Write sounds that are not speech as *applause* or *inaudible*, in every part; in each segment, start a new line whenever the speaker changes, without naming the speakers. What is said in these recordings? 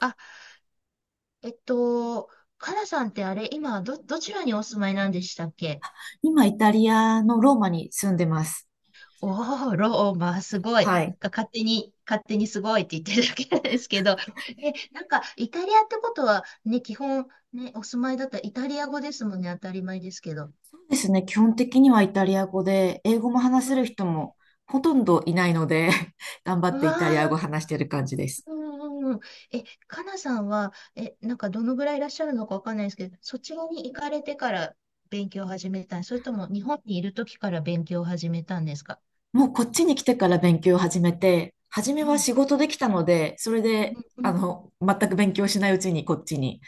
あ、えっと、かなさんってあれ、今、どちらにお住まいなんでしたっけ？
今、イタリアのローマに住んでます。
おー、ローマ、すごい。
は
なん
い。
か勝手に、勝手にすごいって言ってるだけなんですけど。*laughs* え、なんか、イタリアってことは、ね、基本、ね、お住まいだったらイタリア語ですもんね、当たり前ですけど。
そうですね。基本的にはイタリア語で、英語も話
う
せる
ん、
人もほとんどいないので *laughs* 頑張
う
って
わ
イタリア語
ー。
話してる感じです。
うんうんうん、え、かなさんは、なんかどのぐらいいらっしゃるのかわかんないですけど、そちらに行かれてから勉強を始めたんそれとも日本にいる時から勉強を始めたんですか？
もうこっちに来てから勉強を始めて、初め
う
は
ん
仕事できたので、それで、
うん
全く勉強しないうちにこっちに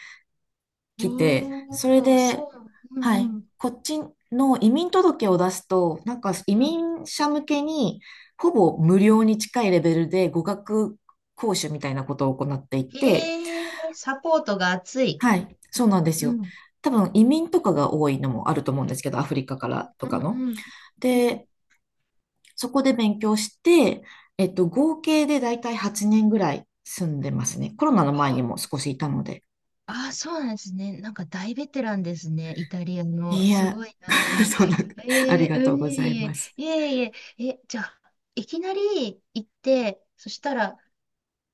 う
来て、
ん、
それ
おー、そ
で、
う、う
はい、
んうん、
こっちの移民届を出すと、なんか移
うん。
民者向けに、ほぼ無料に近いレベルで語学講習みたいなことを行っていて、
へえ、サポートが熱い。
はい、そうなんです
う
よ。
ん、
多分移民とかが多いのもあると思うんですけど、アフリカからと
う
か
ん、う
の。
んうん、うん。
で、そこで勉強して、合計でだいたい8年ぐらい住んでますね。コロナの前
あ
にも少しいたので。
あ、そうなんですね。なんか大ベテランですね、イタリアの。
い
す
や、
ごいな。
*laughs* そんな、ありがと
う
う
んい
ござい
えいえ、
ます。
いえいえ、え、じゃあ、いきなり行って、そしたら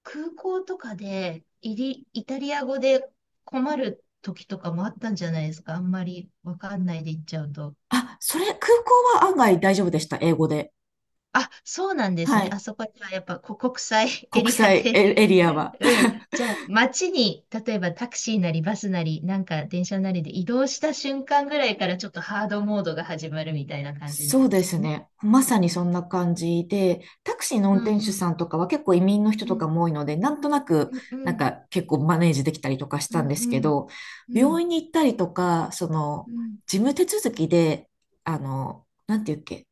空港とかでイタリア語で困る時とかもあったんじゃないですか。あんまりわかんないで行っちゃうと。
あ、それ、空港は案外大丈夫でした、英語で。
あ、そうなんです
は
ね。あ
い。
そこにはやっぱこ *laughs* 国際エ
国
リア
際
で。
エリアは。
*laughs* うん。じゃあ、街に、例えばタクシーなりバスなり、なんか電車なりで移動した瞬間ぐらいからちょっとハードモードが始まるみたいな感じな
そ
ん
う
で
で
すか
す
ね。
ね。まさにそんな感じで、タクシーの運
う
転
ん
手
うん。
さんとかは結構移民の人
う
とか
ん。
も多いので、なんとなく、
うんう
なん
ん。
か結構マネージできたりとかし
う
たん
ん
です
う
け
ん。
ど、
う
病
ん
院に行ったりとか、そ
う
の、
ん
事務手続きで、なんていうっけ、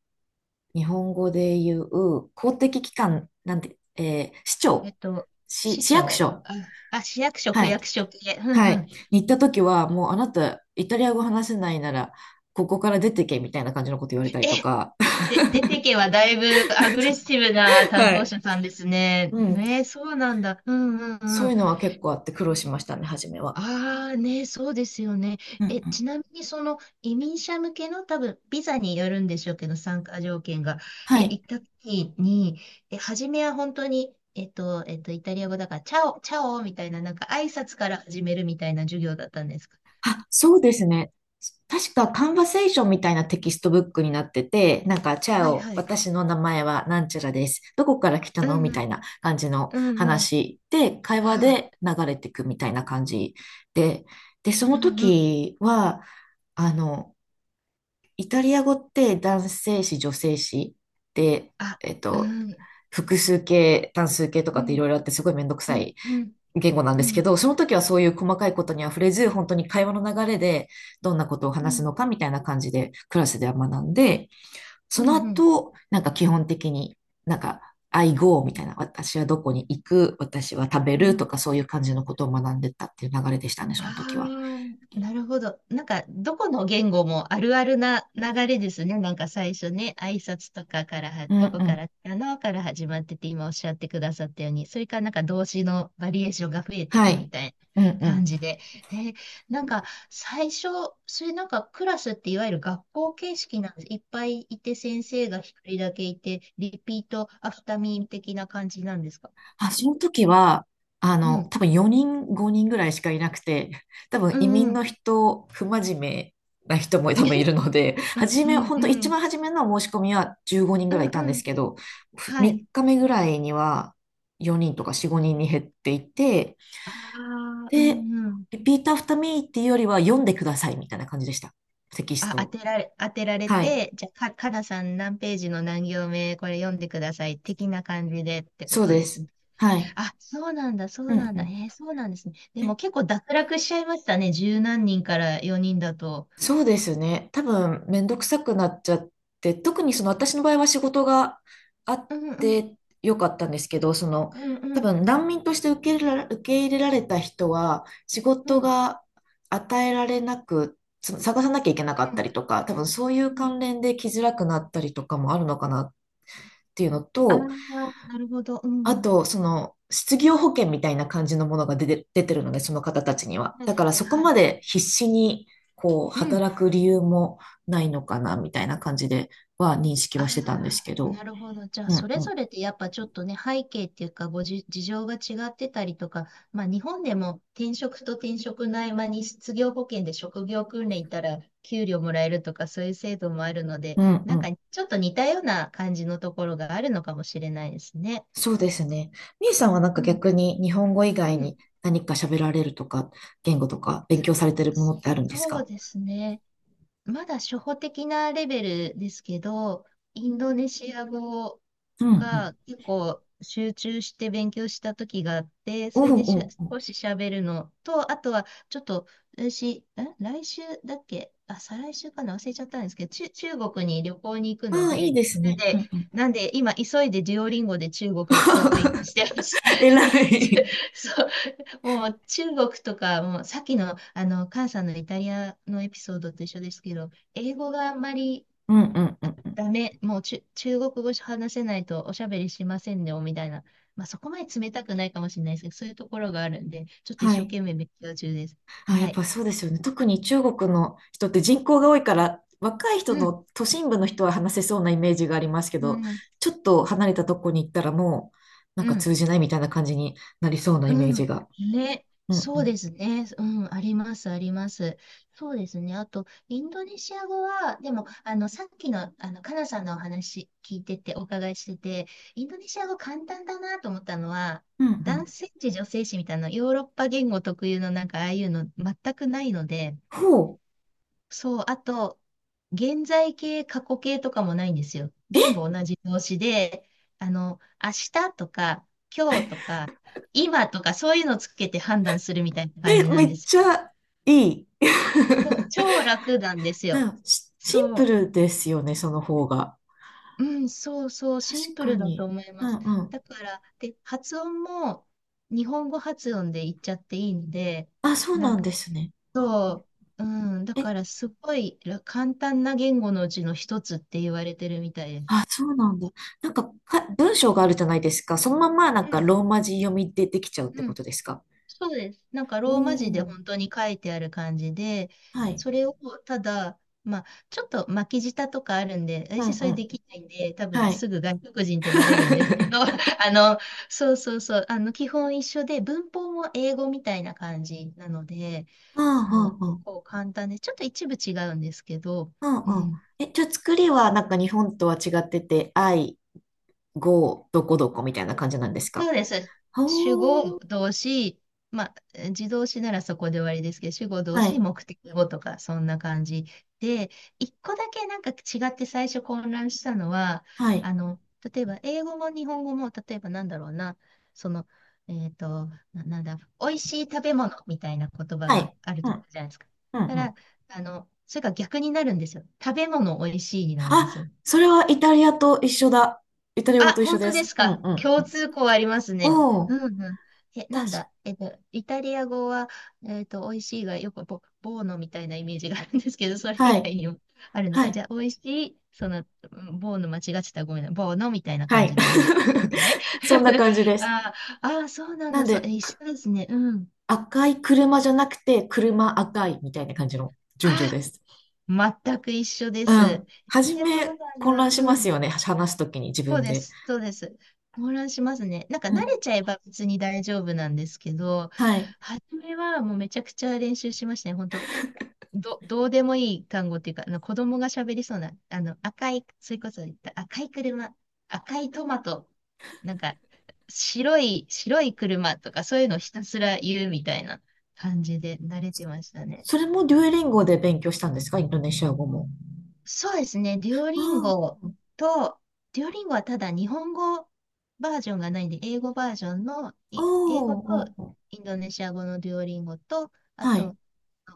日本語で言う、公的機関、なんて、市
えっ
庁、
と、
市、
市
市役
長
所、
あ、あ、市役所、区
はい、
役所系。うん
は
う
い。
ん
に行った時は、もうあなた、イタリア語話せないなら、ここから出てけみたいな感じのこと言われたりと
え、
か、
で、出てけはだいぶアグレッシブな
*laughs*
担
は
当
い。
者さんですね。
うん。
ね、そうなんだ。うんうんう
そう
ん。
いうのは結構あって苦労しましたね、初めは。
ああ、ね、そうですよね。
うんう
え、
ん。
ちなみにその移民者向けの多分ビザによるんでしょうけど、参加条件が。え、
は
行
い。
った時に、え、初めは本当に、イタリア語だから、チャオ、チャオみたいな、なんか挨拶から始めるみたいな授業だったんですか？
あ、そうですね。確か、カンバセーションみたいなテキストブックになってて、なんか、チャ
はい
オ、
はい。
私の名前はなんちゃらです。どこから来た
う
の
ん
み
う
た
ん、
いな感じの
うんうん。
話で、会話
はい。
で流れていくみたいな感じで、で、そ
う
の
んうん。
時は、あの、イタリア語って男性詞、女性詞で、
あ、
えっ
う
と、
ん。
複数形、単数形と
う
かってい
ん
ろいろあってすごいめんどく
う
さ
ん、
い
うん、
言語なんで
う
すけ
ん、
ど、その時はそういう細かいことには触れず、本当に会話の流れでどんなことを
う
話す
ん、
のかみたいな感じでクラスでは学んで、そ
うん、
の
うん。
後、なんか基本的になんか I go みたいな、私はどこに行く、私は食べ
う
ると
ん
かそういう感じのことを学んでったっていう流れでしたね、その時は。
ああ、なるほど。なんか、どこの言語もあるあるな流れですね。なんか最初ね、挨拶とかからは、
うん
どこ
う
か
ん。
らかなから始まってて、今おっしゃってくださったように、それからなんか動詞のバリエーションが増えてい
は
くみ
い。
たい
うんう
な感
ん。
じで。えーなんか、最初、それなんかクラスっていわゆる学校形式なんです。いっぱいいて先生が一人だけいて、リピートアフターミー的な感じなんですか？
あ、その時は、
うん
多分4人、5人ぐらいしかいなくて、*laughs* 多分
う
移
んう
民
ん。
の人、不真面目な人も多分い
*laughs*
るので、
うんう
初め、
ん
本当
う
一
ん。
番初めの申し込みは15人
う
ぐら
ん
いいたん
う
です
ん。
けど、
はい。
3日目ぐらいには4人とか4、5人に減っていて、
ああ、う
で、
んうん。
リピートアフターミーっていうよりは読んでくださいみたいな感じでした。テキス
あ、
トを。
当てられ
はい。
て、じゃあ、かなさん何ページの何行目、これ読んでください、的な感じでってこ
そう
と
で
です
す。
ね。
はい。
あ、そうなんだ、そ
う
う
ん
なん
う
だ。
ん。
えーそうなんですね。で
え
も結構脱落しちゃいましたね。十何人から4人だと。
そうですね。多分、めんどくさくなっちゃって、特にその私の場合は仕事があっ
うんうん。
てよかったんですけど、その、
うんう
多
ん。
分難民として受け入れられた人は、仕
う
事
ん
が与えられなく、つ探さなきゃいけなかっ
う
た
ん。
りとか、多分そういう
うん
関連で来づらくなったりとかもあるのかなっていうの
ああ
と、
ー、なるほど。う
あ
ん。
と、その、失業保険みたいな感じのものが出てるので、その方たちには。
はい
だから
はい
そこ
はい
ま
は
で
い。
必死に、こう、
うん。
働く理由もないのかな、みたいな感じでは認識
あ
はしてたんです
あ、
けど。
なるほど。じゃあ、
う
そ
ん
れ
う
ぞ
ん。
れでやっぱちょっとね、背景っていうか、事情が違ってたりとか、まあ、日本でも転職と転職の合間に失業保険で職業訓練行ったら給料もらえるとか、そういう制度もあるので、
うんう
なんか
ん。
ちょっと似たような感じのところがあるのかもしれないですね。
そうですね。みえさんはなん
う
か
ん、
逆に日本語以
う
外
ん。
に何か喋られるとか、言語とか勉
そ
強されてるものってあるんです
そう
か？
ですね。まだ初歩的なレベルですけど、インドネシア語
うんうん。
が結構集中して勉強した時があって、
お
そ
う
れで
おうおう。
少し喋るのと、あとはちょっと私、来週だっけあ、再来週かな忘れちゃったんですけど、中国に旅行に行くの
ああ、いい
で、
です
なん
ね。う
で、
んうん。
なんで今急いでデュオリンゴで中国語を勉強してます。
*laughs* 偉
*laughs*
い。
そうもう中国とか、もうさっきの、あの、菅さんのイタリアのエピソードと一緒ですけど、英語があんまり
うんうんうんうん。
ダメ、もう中国語話せないとおしゃべりしませんよ、みたいな。まあ、そこまで冷たくないかもしれないですけど、そういうところがあるんで、ちょっと一
は
生
い。
懸命勉強中です。
あ、や
は
っ
い。
ぱそうですよね。特に中国の人って人口が多いから、若い
う
人
ん。
の都心部の人は話せそうなイメージがありますけ
う
ど、
ん。
ちょっと離れたとこに行ったらもう、なん
う
か
ん。
通じないみたいな感じになりそうなイメ
う
ージ
ん。
が。
ね。
うんう
そう
ん。
ですね。うん。あります、あります。そうですね。あと、インドネシア語は、でも、あの、さっきの、あの、カナさんのお話聞いてて、お伺いしてて、インドネシア語簡単だなと思ったのは、
うんう
男
ん。
性詞、女性詞みたいな、ヨーロッパ言語特有のなんか、ああいうの全くないので、
ほう。
そう、あと、現在形、過去形とかもないんですよ。全部同じ動詞で、あの、明日とか、今日とか、今とか、そういうのつけて判断するみたいな感
え、
じな
め
んで
っ
すよ。
ちゃいい。*laughs*
そう、超楽なんです
う
よ。
ん。シシンプ
そ
ルですよね、その方が。
う、うん、そうそう、
確
シンプ
か
ルだと
に。
思い
う
ます。
んうん。
だから、で、発音も日本語発音で言っちゃっていいんで、
あ、そう
なん
なん
か、
ですね。うんうん。
そう、うん、だ
え
からすごいら簡単な言語のうちの一つって言われてるみたいです。
あ、そうなんだ。なんか、文章があるじゃないですか。そのままなん
う
か
ん、
ローマ字読みでできちゃうって
う
こ
ん、
とですか？
そうです。なんか
お
ローマ字で
おー、
本当に書いてある感じで、
はい。
それをただ、まあ、ちょっと巻き舌とかあるんで、
うん
私そ
う
れ
ん。
できないんで、多
は
分す
い。
ぐ外国人ってバレるんですけど、*laughs* あ
*laughs*
の、そうそうそう、あの、基本一緒で、文法も英語みたいな感じなので、
うんうん
そう、
う
結
ん。
構簡単で、ちょっと一部違うんですけど、
うん
う
うん。
ん。
え、じゃあ作りはなんか日本とは違ってて、語、どこどこみたいな感じなんです
そ
か？
うです。主
お
語、
ー。
動詞、まあ、自動詞ならそこで終わりですけど、主語、動
は
詞、
い。
目的語とか、そんな感じで、一個だけなんか違って最初混乱したのは、
はい。
あの、例えば、英語も日本語も、例えばなんだろうな、その、えっと、な、なんだ、美味しい食べ物みたいな言葉
は
が
い。
ある
う
と
ん。
じゃないですか。
うん
た
う
ら、
ん。
あの、それが逆になるんですよ。食べ物美味しいになるんです
あ、
よ。
それはイタリアと一緒だ。イタリア語
あ、
と一緒
本当
で
で
す。
す
うん
か。
うんう
共
ん。
通項ありますね。
おー。
うんうん。え、な
確
んだ。イタリア語は、美味しいがよくボーノみたいなイメージがあるんですけど、それ
か。
以
はい。
外にもあるの
は
か。じ
い。
ゃあ、美味しい、その、うんボーノ間違ってたらごめんな。ボーノみたいな
は
感
い。
じで言うことですね。
*laughs* そんな感じ
*laughs*
です。
ああ、あーそうなん
な
だ。
ん
そう、え、
で、
一緒ですね。うん。
赤い車じゃなくて、車赤いみたいな感じの順
あ、
序です。
全く一緒で
う
す。
ん。初
え、そう
め、
なん
混
だ。
乱し
う
ます
ん。
よね。話すときに自
そう
分
で
で。
す、そうです。混乱しますね。なんか
う
慣れ
ん。
ちゃえば別に大丈夫なんですけど、
はい。
初めはもうめちゃくちゃ練習しましたね。本当どうでもいい単語っていうか、あの子供が喋りそうな、あの赤い、それこそ言った赤い車、赤いトマト、なんか白い車とかそういうのをひたすら言うみたいな感じで慣れてましたね。
それもデュエリンゴで勉強したんですか？インドネシア語も。
そうですね。
あ
と、デュオリンゴはただ日本語バージョンがないんで、英語バージョンの、
あ、おー
英語と
おー、おー、
インドネシア語のデュオリンゴと、あ
はい。
と、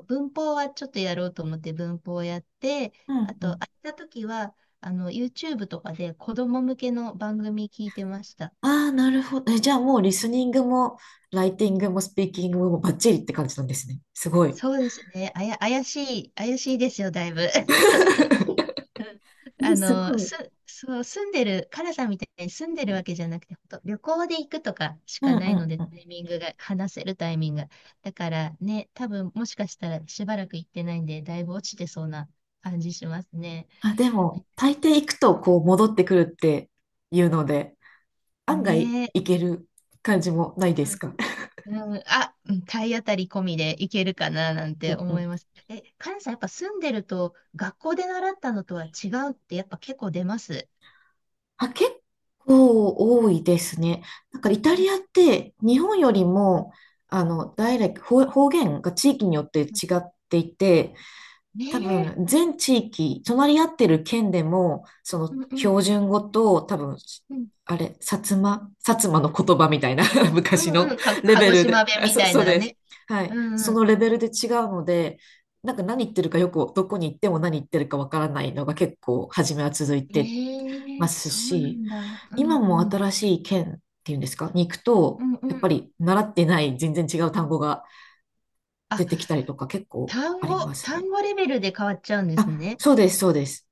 文法はちょっとやろうと思って文法をやって、
う
あ
んう
と、
ん。
空いた時は、あの、YouTube とかで子供向けの番組聞いてました。
ああ、なるほど。え、じゃあもうリスニングも、ライティングも、スピーキングもバッチリって感じなんですね。すごい。
そうですね。怪しいですよ、だいぶ。
*laughs*
あ
す
の、
ごい。
そう、住んでる、カナさんみたいに住んでるわけじゃなくて、ほんと旅行で行くとかし
う
か
ん
な
う
いの
ん
で、
う
タ
ん。
イミングが、話せるタイミングが。だからね、多分もしかしたらしばらく行ってないんで、だいぶ落ちてそうな感じしますね。
あ、でも、大抵行くとこう戻ってくるっていうので、案外
ねえ。
行ける感じもないですか？
うん、うんあ、うん体当たり込みでいけるかななん
う
て
んう
思
ん。
います。え、カナさん、やっぱ住んでると、学校で習ったのとは違うって、やっぱ結構出ます。
あ、結構多いですね。なんかイタリアって日本よりも、ダイレクト、方言が地域によって違っていて、
ね
多
え。
分、全地域、隣り合ってる県でも、そ
う
の
んう
標
ん。
準語と、多分、
うん
あれ、薩摩の言葉みたいな *laughs*
う
昔
ん
の
うん。
レ
鹿
ベ
児
ルで、
島弁
あ、
みたい
そう
な
です。
ね。
は
う
い。
んう
そ
ん。
のレベルで違うので、なんか何言ってるかよく、どこに行っても何言ってるかわからないのが結構、初めは続いて
ええ
ます
そうな
し、
んだ。うん
今も
うん。
新しい県っていうんですか、に行く
う
と、
ん
や
う
っぱ
ん。
り習ってない全然違う単語が
あ、
出てきたりとか結構ありますね。
単語レベルで変わっちゃうんです
あ、
ね。
そうです、そうです。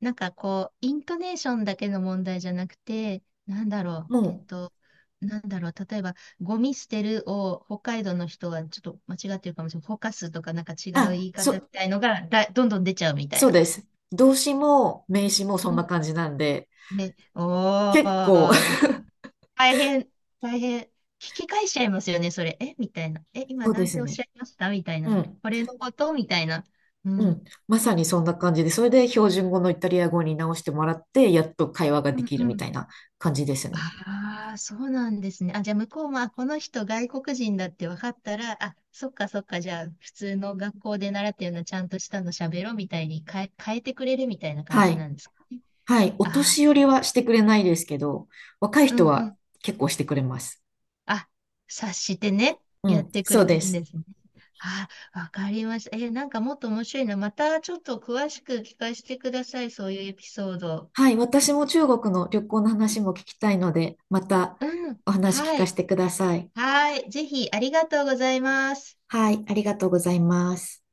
なんかこう、イントネーションだけの問題じゃなくて、なんだろう、
もう、
なんだろう、例えば、ゴミ捨てるを北海道の人はちょっと間違ってるかもしれない。ほかすとかなんか違う言
あ、
い方みたいのがだ、どんどん出ちゃうみたい
そう
な。
です。動詞も名詞もそ
う
んな
ん。
感じなんで、
ね、おー、
結構、
大変、大変。聞き返しちゃいますよね、それ。えみたいな。え、
*laughs*
今
そう
な
で
ん
す
ておっ
ね。
しゃいましたみたいな。
うん、
これのことみたいな。う
うん。
ん。
まさにそんな感じで、それで標準語のイタリア語に直してもらって、やっと会話が
う
で
ん
きる
う
み
ん。
たいな感じですね。
ああ、そうなんですね。あ、じゃあ向こうも、あ、この人外国人だって分かったら、あ、そっかそっか、じゃあ普通の学校で習ったようなちゃんとしたの喋ろうみたいに変えてくれるみたいな感
は
じ
い。
なんですかね。
はい。お
あ
年寄りはしてくれないですけど、若い
あ、う
人
んう
は
ん。
結構してくれます。
あ、察してね、
う
やっ
ん、
てく
そ
れ
うで
るんで
す。
すね。あ、わかりました。え、なんかもっと面白いな。またちょっと詳しく聞かせてください。そういうエピソード。
はい。私も中国の旅行の話も聞きたいので、また
うん。
お話聞
は
か
い。
せてください。
はい。ぜひ、ありがとうございます。
はい。ありがとうございます。